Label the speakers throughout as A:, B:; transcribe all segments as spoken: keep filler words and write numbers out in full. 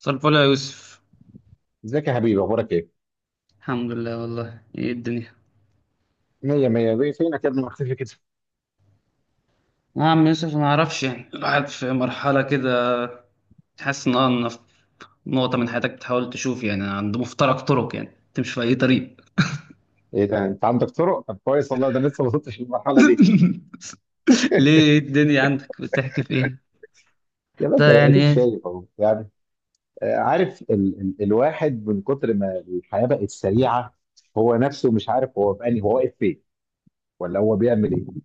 A: مساء الفل يا يوسف.
B: ازيك يا حبيبي، اخبارك ايه؟
A: الحمد لله، والله ايه الدنيا؟
B: مية مية، بيه فينك يا ابني مختفي كده؟
A: يا عم يوسف، ما اعرفش، يعني الواحد في مرحلة كده، تحس ان انا في نقطة من حياتك، بتحاول تشوف، يعني عند مفترق طرق، يعني تمشي في اي طريق.
B: ايه ده انت عندك طرق؟ طب كويس والله، ده أنا لسه ما وصلتش للمرحلة دي.
A: ليه، إيه الدنيا عندك، بتحكي في ايه؟
B: يا
A: ده
B: باشا اديك
A: يعني.
B: شايف اهو يعني. آه، عارف ال ال الواحد من كتر ما الحياة بقت سريعة، هو نفسه مش عارف هو في انهي، هو واقف فين ولا هو بيعمل ايه؟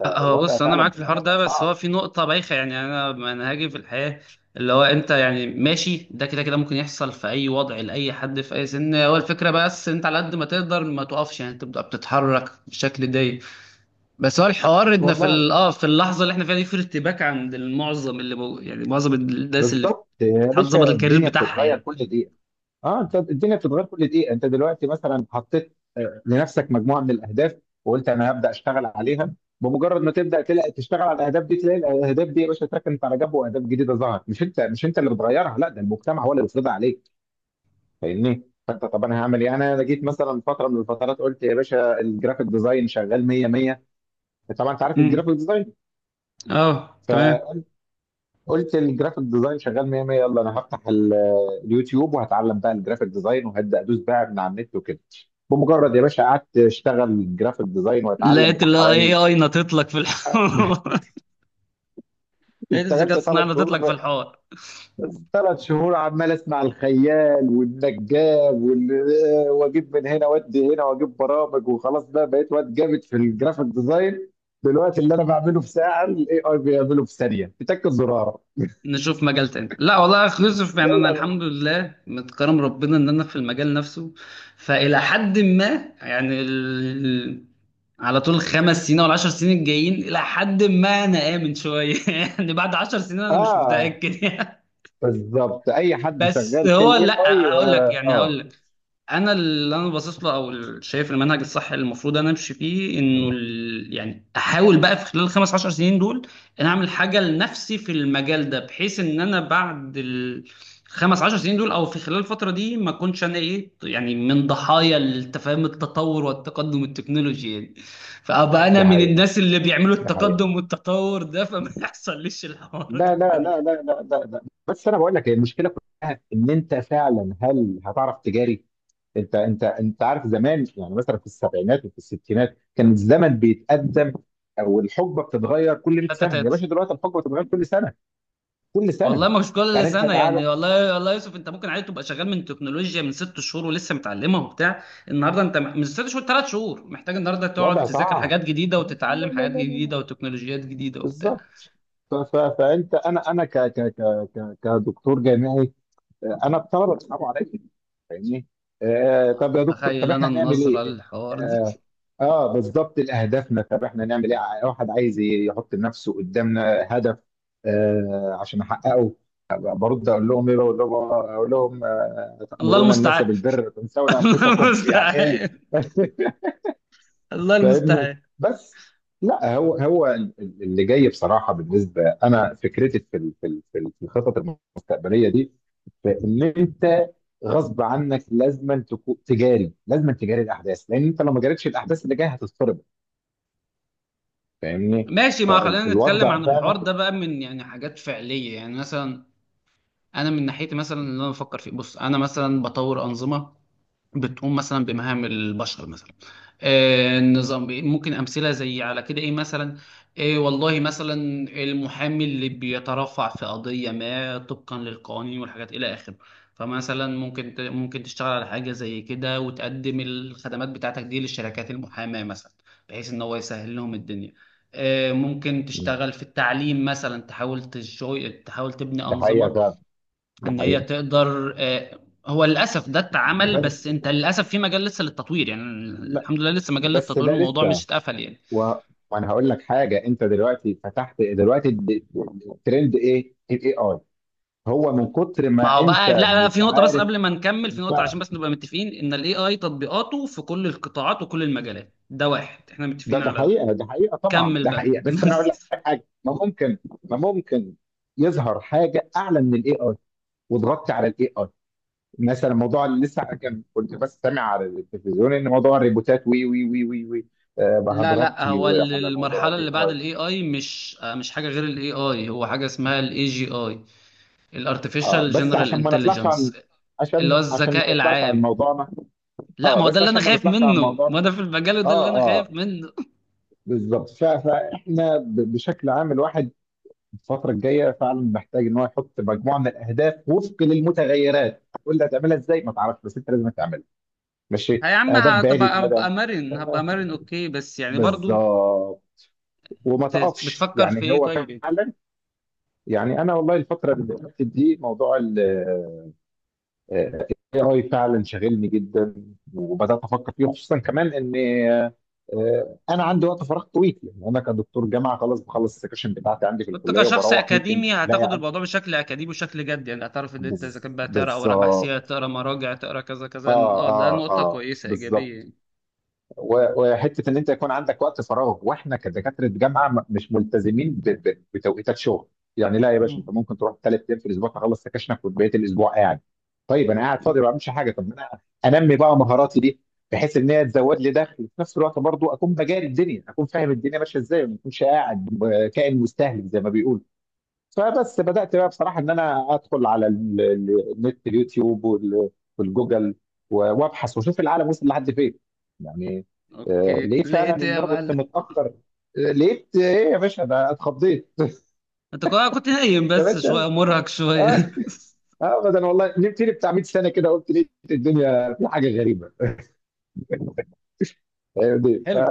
B: لا،
A: هو
B: الوضع
A: بص، انا
B: فعلا
A: معاك في الحوار
B: بقى بقى
A: ده، بس هو
B: صعب.
A: في نقطه بايخه، يعني انا منهجي في الحياه اللي هو انت، يعني ماشي ده كده كده، ممكن يحصل في اي وضع لاي حد في اي سن، هو الفكره بس انت على قد ما تقدر ما تقفش، يعني تبدا بتتحرك بالشكل ده. بس هو الحوار ان في
B: والله،
A: ال- اه في اللحظه اللي احنا فيها دي في ارتباك عند المعظم، اللي بو يعني معظم الناس اللي
B: بالظبط يا
A: بتحاول تظبط
B: باشا،
A: الكارير
B: الدنيا
A: بتاعها
B: بتتغير
A: يعني.
B: كل دقيقة. اه، انت الدنيا بتتغير كل دقيقه. انت دلوقتي مثلا حطيت آه، لنفسك مجموعه من الاهداف وقلت انا هبدا اشتغل عليها. بمجرد ما تبدا تلاقي تشتغل على الاهداف دي، تلاقي الاهداف دي يا باشا اتركنت على جنب، واهداف جديده ظهرت. مش انت مش انت اللي بتغيرها، لا ده المجتمع هو اللي بيفرضها عليك. فاهمني؟ فانت، طب انا هعمل ايه؟ انا جيت مثلا فتره من الفترات، قلت يا باشا الجرافيك ديزاين شغال مية مية. طبعا انت عارف
A: امم
B: الجرافيك ديزاين.
A: اه، تمام.
B: قلت الجرافيك ديزاين شغال مية مية، يلا انا هفتح ال- اليوتيوب وهتعلم بقى الجرافيك ديزاين وهبدا ادوس بقى من على النت وكده. بمجرد يا باشا قعدت اشتغل جرافيك ديزاين واتعلم
A: لقيت
B: بتاع
A: الاي
B: حوالي،
A: اي نطت لك في الحوار. لقيت الذكاء
B: اشتغلت
A: الصناعي
B: ثلاث
A: نطت
B: شهور
A: لك في
B: بقى.
A: الحوار.
B: ثلاث شهور عمال اسمع الخيال والنجاب وال- واجيب من هنا وادي هنا واجيب برامج، وخلاص بقى بقيت واد جامد في الجرافيك ديزاين. بالوقت اللي انا بعمله في ساعه، الاي اي بيعمله في ثانيه بتاكد زرار.
A: نشوف مجال تاني. لا والله اكلوزيف، يعني انا
B: يلا بقى.
A: الحمد لله متكرم ربنا ان انا في المجال نفسه، فالى حد ما يعني ال... على طول الخمس سنين او العشر سنين الجايين، الى حد ما انا امن شويه يعني. بعد عشر سنين انا مش
B: اه،
A: متاكد يعني.
B: بالظبط، اي حد
A: بس
B: شغال في
A: هو
B: الاي
A: لا،
B: اي.
A: هقول لك
B: اه
A: يعني هقول
B: آه،
A: لك انا اللي انا باصص له، او ال- شايف المنهج الصح اللي المفروض انا امشي فيه. انه ال... يعني احاول بقى في خلال الخمس عشر سنين دول ان اعمل حاجه لنفسي في المجال ده، بحيث ان انا بعد الخمس عشر سنين دول او في خلال الفتره دي ما اكونش انا ايه، يعني من ضحايا التفاهم التطور والتقدم التكنولوجي يعني. فابقى انا
B: ده
A: من
B: حقيقه
A: الناس اللي بيعملوا
B: ده حقيقه.
A: التقدم والتطور ده، فما يحصلش الحوارات
B: لا لا لا
A: التانيه.
B: لا لا لا لا. بس انا بقول لك هي المشكله كلها ان انت فعلا هل هتعرف تجاري. انت انت انت عارف زمان يعني، مثلا في السبعينات وفي الستينات كان الزمن بيتقدم، او الحقبه بتتغير كل مية
A: تاتا
B: سنه. يا
A: تاتا.
B: باشا، دلوقتي الحقبه بتتغير كل سنه، كل
A: والله
B: سنه.
A: مش كل
B: يعني انت
A: سنه
B: تعالى،
A: يعني، والله والله يا يوسف، انت ممكن عادي تبقى شغال من تكنولوجيا من ست شهور ولسه متعلمها وبتاع، النهارده انت م- من ست شهور ثلاث شهور محتاج النهارده تقعد
B: الوضع
A: تذاكر
B: صعب.
A: حاجات جديده
B: لا لا
A: وتتعلم
B: لا
A: حاجات
B: لا لا.
A: جديده وتكنولوجيات جديده وبتاع.
B: بالظبط. ف- ف- فانت انا انا ك ك ك ك- كدكتور جامعي. آه، انا الطلبه بيصعبوا عليا، فاهمني؟ آه
A: أنا
B: طب يا دكتور، طب
A: متخيل انا
B: احنا هنعمل
A: النظره
B: ايه؟
A: للحوار ده.
B: اه, آه بالظبط، اهدافنا، طب احنا هنعمل ايه؟ ع- واحد عايز ي- يحط لنفسه قدامنا هدف آه عشان احققه. أبقى برد اقول لهم ايه؟ بقول لهم، اقول لهم: آه،
A: الله
B: تأمرون الناس
A: المستعان.
B: بالبر وتنسون
A: الله
B: انفسكم، يعني ايه؟
A: المستعان. الله
B: فاهمني
A: المستعان.
B: بس. لا، هو هو ال- ال- اللي جاي بصراحه، بالنسبه انا فكرتي في ال- في ال- في ال- في الخطط المستقبليه دي. فان انت غصب عنك لازما تكون تجاري، لازما تجاري الاحداث، لان انت لو ما جاريتش الاحداث اللي جايه هتضطرب. فاهمني؟
A: ماشي، ما خلينا نتكلم
B: فالوضع
A: عن الحوار
B: فعلا.
A: ده بقى من يعني حاجات فعليه يعني، مثلا انا من ناحيتي، مثلا اللي انا بفكر فيه، بص انا مثلا بطور انظمه بتقوم مثلا بمهام البشر مثلا. آه، نظام إيه، ممكن امثله زي على كده ايه مثلا؟ إيه والله، مثلا المحامي اللي بيترفع في قضيه ما طبقا للقوانين والحاجات الى اخره، فمثلا ممكن ت- ممكن تشتغل على حاجه زي كده وتقدم الخدمات بتاعتك دي للشركات المحاماه مثلا، بحيث ان هو يسهل لهم الدنيا. آه، ممكن تشتغل في التعليم مثلا، تحاول تشو- تحاول تبني
B: ده حقيقه
A: انظمه
B: فعلا، ده
A: ان هي
B: حقيقه.
A: تقدر. آه، هو للاسف ده اتعمل،
B: بس،
A: بس انت للاسف في مجال لسه للتطوير، يعني
B: لا،
A: الحمد لله لسه مجال
B: بس
A: للتطوير،
B: ده
A: الموضوع
B: لسه
A: مش اتقفل يعني.
B: و... وانا هقول لك حاجه. انت دلوقتي فتحت دلوقتي الد- الترند ايه؟ الاي اي. هو من كتر
A: ما
B: ما
A: هو
B: انت
A: بقى لا لا،
B: مش
A: في نقطه بس
B: عارف.
A: قبل ما نكمل، في
B: ف-
A: نقطه عشان بس نبقى متفقين ان الاي اي تطبيقاته في كل القطاعات وكل المجالات، ده واحد احنا
B: ده
A: متفقين
B: ده
A: على ده.
B: حقيقه ده حقيقه طبعا
A: كمل
B: ده
A: بقى.
B: حقيقه. بس انا اقول لك
A: بس.
B: حاجه، ما ممكن، ما ممكن يظهر حاجه اعلى من الاي اي وضغطت على الاي اي؟ مثلا موضوع اللي لسه كان كنت بس سامع على التلفزيون ان موضوع الريبوتات وي وي وي وي وي آه
A: لا لا،
B: هتغطي
A: هو ال-
B: على موضوع
A: المرحله
B: الاي
A: اللي بعد
B: اي.
A: الاي اي مش آه، مش حاجه غير الاي اي، هو حاجه اسمها الاي جي اي،
B: آه
A: الارتفيشال
B: بس
A: جنرال
B: عشان ما نطلعش عن.
A: انتليجنس، اللي
B: عشان
A: هو
B: عشان ما
A: الذكاء
B: نطلعش عن
A: العام.
B: موضوعنا.
A: لا،
B: اه،
A: ما هو ده
B: بس
A: اللي انا
B: عشان ما
A: خايف
B: نطلعش عن
A: منه،
B: موضوعنا.
A: ما ده في المجال وده اللي
B: اه
A: انا خايف
B: اه
A: منه.
B: بالظبط. ف- فاحنا ب- بشكل عام، الواحد الفتره الجايه فعلا محتاج ان هو يحط مجموعه من الاهداف وفق للمتغيرات. تقول لي هتعملها ازاي، ما تعرفش بس انت لازم تعملها.
A: ها
B: ماشي،
A: يا عم،
B: اهداف بعيده
A: هتبقى،
B: مدى.
A: هبقى مرن، هبقى مرن اوكي، بس يعني برضو
B: بالظبط. وما
A: بت-
B: تقفش
A: بتفكر في
B: يعني،
A: ايه
B: هو
A: طيب؟
B: فعلا يعني. انا والله الفتره اللي فاتت دي موضوع ال اي اي فعلا شاغلني جدا، وبدات افكر فيه، خصوصا كمان ان آه، انا عندي وقت فراغ طويل. يعني انا كدكتور جامعه، خلاص بخلص السكشن بتاعتي عندي في
A: وانت
B: الكليه
A: كشخص
B: وبروح، ممكن
A: اكاديمي
B: لا
A: هتاخد
B: يعني.
A: الموضوع بشكل اكاديمي وشكل جد، يعني هتعرف ان انت اذا كان بقى تقرا اوراق
B: بالظبط.
A: بحثيه، تقرا مراجع، تقرا كذا كذا.
B: اه
A: اه، ده
B: اه
A: نقطه
B: اه
A: كويسه ايجابيه
B: بالظبط.
A: يعني.
B: و- وحته ان انت يكون عندك وقت فراغ، واحنا كدكاتره جامعه م- مش ملتزمين ب- ب- بتوقيتات شغل. يعني لا يا باشا،
A: مم.
B: انت ممكن تروح ثلاث ايام في الاسبوع تخلص سكاشنك وبقيه الاسبوع قاعد. طيب انا قاعد
A: مم.
B: فاضي ما بعملش حاجه، طب ما انا انمي بقى مهاراتي دي، بحيث ان هي تزود لي دخل. في نفس الوقت برضو اكون بجاري الدنيا، اكون فاهم الدنيا ماشيه ازاي، وما اكونش قاعد ب- كائن مستهلك زي ما بيقولوا. فبس بدأت بقى بصراحة إن أنا أدخل على ال- ال- النت، اليوتيوب وال- والجوجل و- وأبحث وأشوف العالم وصل لحد فين يعني. آه،
A: اوكي،
B: ليه فعلا
A: لقيت ايه
B: إن
A: يا
B: أنا كنت
A: معلم؟
B: متأخر؟ آه، لقيت إيه يا باشا؟ ده اتخضيت.
A: انت كنت كنت نايم
B: يا
A: بس
B: باشا،
A: شويه، مرهق شويه.
B: آه، آه، أبدا والله، نمت لي بتاع مية سنة كده، قلت ليه الدنيا في حاجة غريبة. فاهمني؟ ف
A: حلو.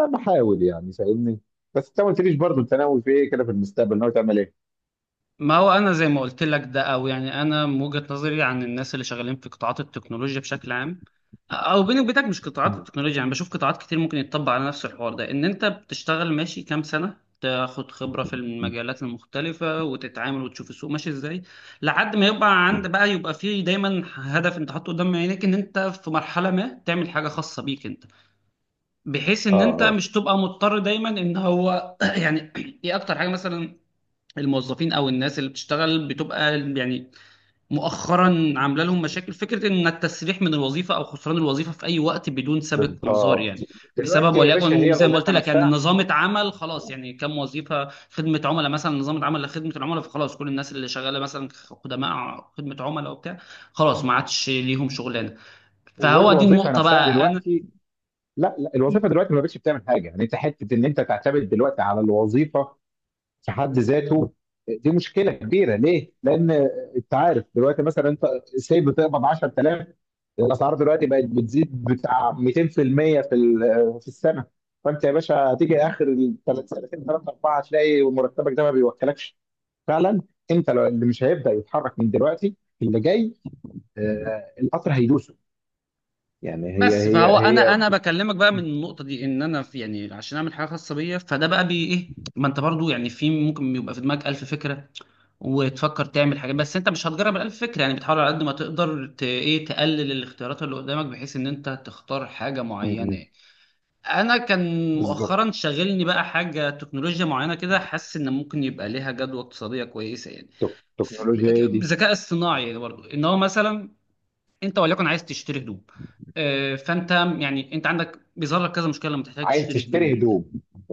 B: أنا بحاول يعني، فاهمني؟ بس أنت ما قلتليش برضه، أنت ناوي في إيه كده في المستقبل؟ ناوي تعمل إيه؟
A: ما هو انا زي ما قلت لك، ده او يعني انا من وجهة نظري عن الناس اللي شغالين في قطاعات التكنولوجيا بشكل عام، او بيني وبينك مش قطاعات
B: مم.
A: التكنولوجيا، يعني بشوف قطاعات كتير ممكن يتطبق على نفس الحوار ده، ان انت بتشتغل ماشي كام سنة، تاخد خبرة في
B: مم.
A: المجالات المختلفة وتتعامل وتشوف السوق ماشي ازاي، لحد ما يبقى عند
B: مم.
A: بقى، يبقى فيه دايما هدف انت حاطه قدام عينيك ان انت في مرحلة ما تعمل حاجة خاصة بيك انت، بحيث
B: آه
A: ان انت
B: آه
A: مش تبقى مضطر دايما ان هو يعني. ايه اكتر حاجة مثلا؟ الموظفين او الناس اللي بتشتغل بتبقى يعني مؤخرا عامله لهم مشاكل، فكره ان التسريح من الوظيفه او خسران الوظيفه في اي وقت بدون سابق انذار
B: بالظبط.
A: يعني، بسبب
B: دلوقتي يا باشا
A: وليكن
B: هي
A: زي ما قلت
B: الوظيفه
A: لك يعني،
B: نفسها.
A: نظامه عمل خلاص يعني، كم وظيفه خدمه عملاء مثلا نظامه عمل لخدمه العملاء، فخلاص كل الناس اللي شغاله مثلا خدماء خدمه عملاء وبتاع، خلاص ما عادش ليهم شغلانه. فهو دي
B: والوظيفه
A: النقطه
B: نفسها
A: بقى، انا
B: دلوقتي، لا لا، الوظيفه دلوقتي ما بقتش بتعمل حاجه. يعني انت حته ان انت تعتمد دلوقتي على الوظيفه في حد ذاته، دي مشكله كبيره. ليه؟ لان انت عارف دلوقتي مثلا، انت سي بتقبض عشر تلاف. الاسعار دلوقتي بقت بتزيد بتاع مئتين في المية في المئة في ال- في السنه. فانت يا باشا هتيجي اخر الثلاث سنتين، ثلاثه اربعه، هتلاقي مرتبك ده ما بيوكلكش فعلا. انت لو اللي مش هيبدا يتحرك من دلوقتي، اللي جاي آه، القطر هيدوسه. يعني هي
A: بس
B: هي
A: فهو انا
B: هي
A: انا بكلمك بقى من النقطه دي ان انا في، يعني عشان اعمل حاجه خاصه بيا. فده بقى بي ايه، ما انت برضو يعني في، ممكن يبقى في دماغك الف فكره وتفكر تعمل حاجات، بس انت مش هتجرب الالف فكره يعني، بتحاول على قد ما تقدر ت... ايه تقلل الاختيارات اللي قدامك بحيث ان انت تختار حاجه
B: م-
A: معينه
B: م.
A: يعني. انا كان
B: بالظبط.
A: مؤخرا شاغلني بقى حاجه تكنولوجيا معينه كده، حاسس ان ممكن يبقى ليها جدوى اقتصاديه كويسه يعني.
B: تك-
A: ف-
B: تكنولوجيا هي دي.
A: ذكاء اصطناعي برضو ان هو مثلا انت وليكن عايز تشتري هدوم. آه، فانت يعني انت عندك بيظهر لك كذا مشكله لما تحتاج
B: عايز
A: تشتري هدوم
B: تشتري
A: يعني،
B: هدوم.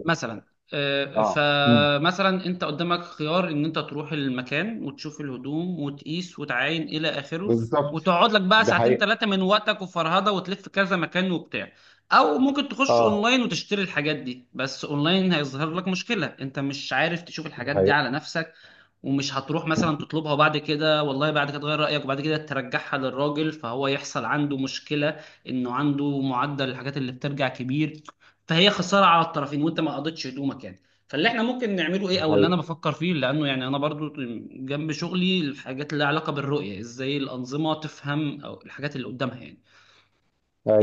A: مثلا. آه،
B: اه، م.
A: فمثلا انت قدامك خيار ان انت تروح المكان وتشوف الهدوم وتقيس وتعاين الى اخره،
B: بالظبط.
A: وتقعد لك بقى
B: ده
A: ساعتين
B: حقيقة.
A: ثلاثه من وقتك وفرهده وتلف كذا مكان وبتاع. او ممكن تخش
B: اه،
A: اونلاين وتشتري الحاجات دي، بس اونلاين هيظهر لك مشكله، انت مش عارف تشوف
B: ده
A: الحاجات دي
B: حقيقة،
A: على نفسك، ومش هتروح مثلا تطلبها بعد كده، والله بعد كده تغير رأيك، وبعد كده ترجعها للراجل، فهو يحصل عنده مشكلة انه عنده معدل الحاجات اللي بترجع كبير، فهي خسارة على الطرفين، وانت ما قضيتش هدومك يعني. فاللي احنا ممكن نعمله ايه،
B: ده
A: او اللي انا
B: حقيقة.
A: بفكر فيه، لانه يعني انا برضو جنب شغلي الحاجات اللي لها علاقة بالرؤية، ازاي الأنظمة تفهم او الحاجات اللي قدامها يعني،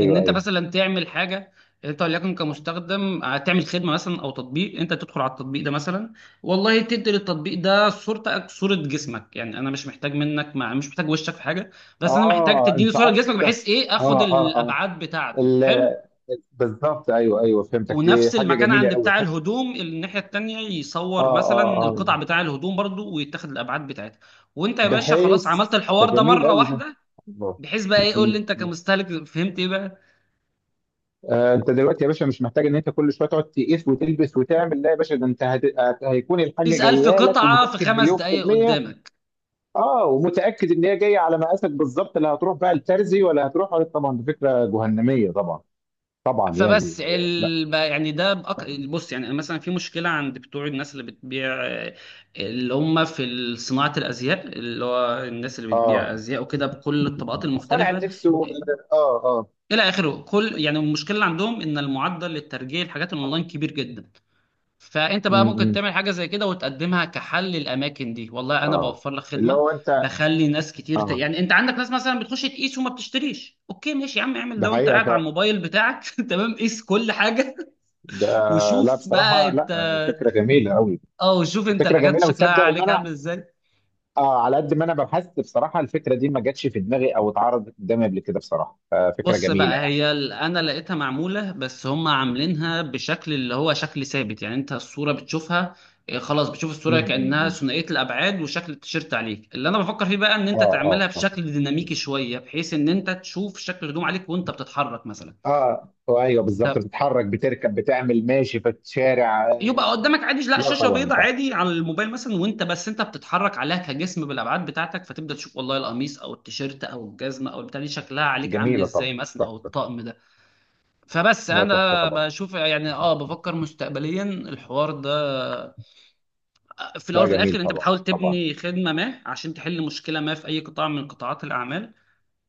A: ان انت
B: ايوه.
A: مثلا تعمل حاجه، انت وليكن كمستخدم، آه، تعمل خدمه مثلا او تطبيق، انت تدخل على التطبيق ده مثلا، والله تدي للتطبيق ده صورتك، صوره جسمك، يعني انا مش محتاج منك، ما مش محتاج وشك في حاجه، بس انا محتاج
B: اه،
A: تديني
B: انت
A: صوره جسمك،
B: قصدك،
A: بحيث ايه، اخد
B: اه اه اه
A: الابعاد بتاعته. حلو.
B: ال- بالظبط، ايوه، ايوه، فهمتك، دي
A: ونفس
B: حاجة
A: المكان
B: جميلة
A: عند
B: قوي.
A: بتاع الهدوم الناحيه التانيه
B: اه
A: يصور مثلا
B: اه اه،
A: القطع بتاع الهدوم برضو ويتاخد الابعاد بتاعتها. وانت يا
B: ده
A: باشا خلاص عملت
B: حس ده
A: الحوار ده
B: جميل
A: مره
B: قوي ده.
A: واحده.
B: الله.
A: بحيث بقى ايه، قول لي انت كمستهلك فهمت ايه بقى،
B: آه، انت دلوقتي يا باشا مش محتاج ان انت كل شويه تقعد تقيس وتلبس وتعمل. لا يا باشا، ده انت هت... هت- هيكون الحاجه
A: تسأل في
B: جايه لك
A: قطعة في
B: ومتاكد
A: خمس
B: مليون في
A: دقايق
B: الميه.
A: قدامك.
B: اه، ومتاكد ان هي جايه على مقاسك بالظبط. لا هتروح بقى الترزي ولا هتروح ولا، طبعا دي فكره جهنميه، طبعا طبعا يعني
A: فبس
B: آه، لا.
A: ال... يعني ده بأك... بص يعني مثلا في مشكلة عند بتوع الناس اللي بتبيع، آه، اللي هم في صناعة الأزياء، اللي هو الناس اللي بتبيع
B: اه،
A: أزياء وكده بكل الطبقات
B: صنع
A: المختلفة
B: اللبس و... اه اه.
A: إلى آخره، كل يعني المشكلة اللي عندهم إن المعدل للترجيع الحاجات الأونلاين كبير جدا. فانت
B: م-
A: بقى ممكن
B: م.
A: تعمل حاجه زي كده وتقدمها كحل للاماكن دي، والله انا
B: اه،
A: بوفر لك
B: اللي
A: خدمه
B: هو انت.
A: بخلي ناس كتير ت...
B: اه،
A: يعني انت عندك ناس مثلا بتخش تقيس وما بتشتريش، اوكي ماشي يا عم، اعمل
B: ده
A: ده وانت
B: حقيقه
A: قاعد على
B: ف...
A: الموبايل بتاعك. تمام، قيس كل حاجه.
B: ده. لا
A: وشوف بقى
B: بصراحه،
A: انت.
B: لا فكره جميله قوي.
A: اه، وشوف انت
B: فكره
A: الحاجات
B: جميله،
A: شكلها
B: وتصدق ان
A: عليك
B: انا
A: عامل ازاي.
B: اه على قد ما انا بحثت بصراحه، الفكره دي ما جاتش في دماغي او اتعرضت قدامي قبل كده بصراحه. ففكره
A: بص
B: جميله
A: بقى
B: يعني.
A: هي ال- انا لقيتها معموله، بس هم عاملينها بشكل اللي هو شكل ثابت يعني، انت الصوره بتشوفها، إيه، خلاص بتشوف
B: م-
A: الصوره
B: م-
A: كانها
B: م.
A: ثنائيه الابعاد وشكل التيشيرت عليك. اللي انا بفكر فيه بقى ان
B: اه
A: انت تعملها
B: اه
A: بشكل ديناميكي شويه، بحيث ان انت تشوف شكل الهدوم عليك وانت بتتحرك مثلا،
B: اه. اه ايوه بالظبط،
A: طب
B: بتتحرك، بتركب، بتعمل ماشي في الشارع.
A: يبقى
B: آه،
A: قدامك عادي لا
B: لا
A: شاشه
B: طبعا
A: بيضاء
B: طبعا.
A: عادي على الموبايل مثلا، وانت بس انت بتتحرك عليها كجسم بالابعاد بتاعتك، فتبدا تشوف والله القميص او التيشيرت او الجزمه او البتاع دي شكلها عليك عامل
B: جميله طبعا.
A: ازاي مثلا، او
B: تحفه.
A: الطقم ده. فبس
B: لا تحفه
A: انا
B: طبعا.
A: بشوف يعني، اه بفكر مستقبليا الحوار ده، في الاول
B: لا
A: وفي الاخر
B: جميل
A: انت
B: طبعا
A: بتحاول
B: طبعا.
A: تبني خدمه ما عشان تحل مشكله ما في اي قطاع من قطاعات الاعمال،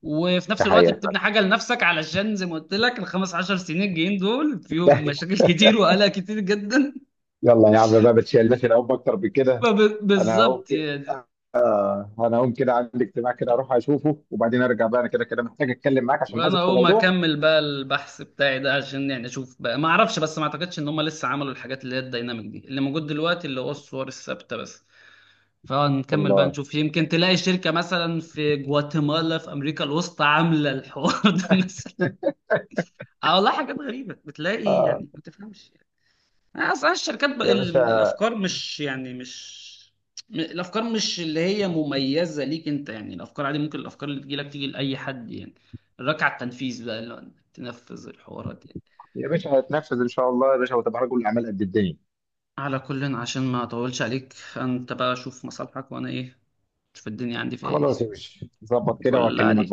A: وفي
B: ده
A: نفس الوقت
B: حقيقه
A: بتبني
B: فعلا.
A: حاجه لنفسك، علشان زي ما قلت لك الخمس عشر سنين الجايين دول فيهم مشاكل كتير وقلق كتير جدا.
B: يلا يا عم بقى، ما تشيلناش العب اكتر من كده. انا هقوم
A: فبالظبط
B: كده
A: يعني.
B: آه آه، انا هقوم كده، عندي اجتماع كده اروح اشوفه وبعدين ارجع. بقى انا كده كده محتاج اتكلم معاك عشان
A: وانا
B: عايزك في
A: هقوم
B: موضوع.
A: اكمل بقى البحث بتاعي ده عشان يعني اشوف بقى، ما اعرفش بس ما اعتقدش ان هم لسه عملوا الحاجات اللي هي الديناميك دي، اللي موجود دلوقتي اللي هو الصور الثابته بس، فنكمل بقى
B: والله.
A: نشوف، يمكن تلاقي شركة مثلا في جواتيمالا في أمريكا الوسطى عاملة الحوار ده. مثلا. اه والله حاجات غريبة بتلاقي
B: آه.
A: يعني ما تفهمش، يعني أصلا الشركات بقى
B: يا
A: ال-
B: باشا.
A: الأفكار مش يعني مش م- الأفكار مش اللي هي مميزة ليك أنت يعني، الأفكار عادي ممكن الأفكار اللي تجيلك تيجي لأي حد يعني، الركعة التنفيذ بقى اللي هو إنك تنفذ الحوارات يعني.
B: يا باشا هيتنفذ ان شاء الله يا باشا، وتبقى رجل اعمال قد الدنيا.
A: على كل عشان ما أطولش عليك، أنت بقى شوف مصالحك وأنا إيه، شوف الدنيا عندي فيها إيه.
B: خلاص يا باشا، ظبط كده
A: فل
B: وهكلمك.
A: عليك.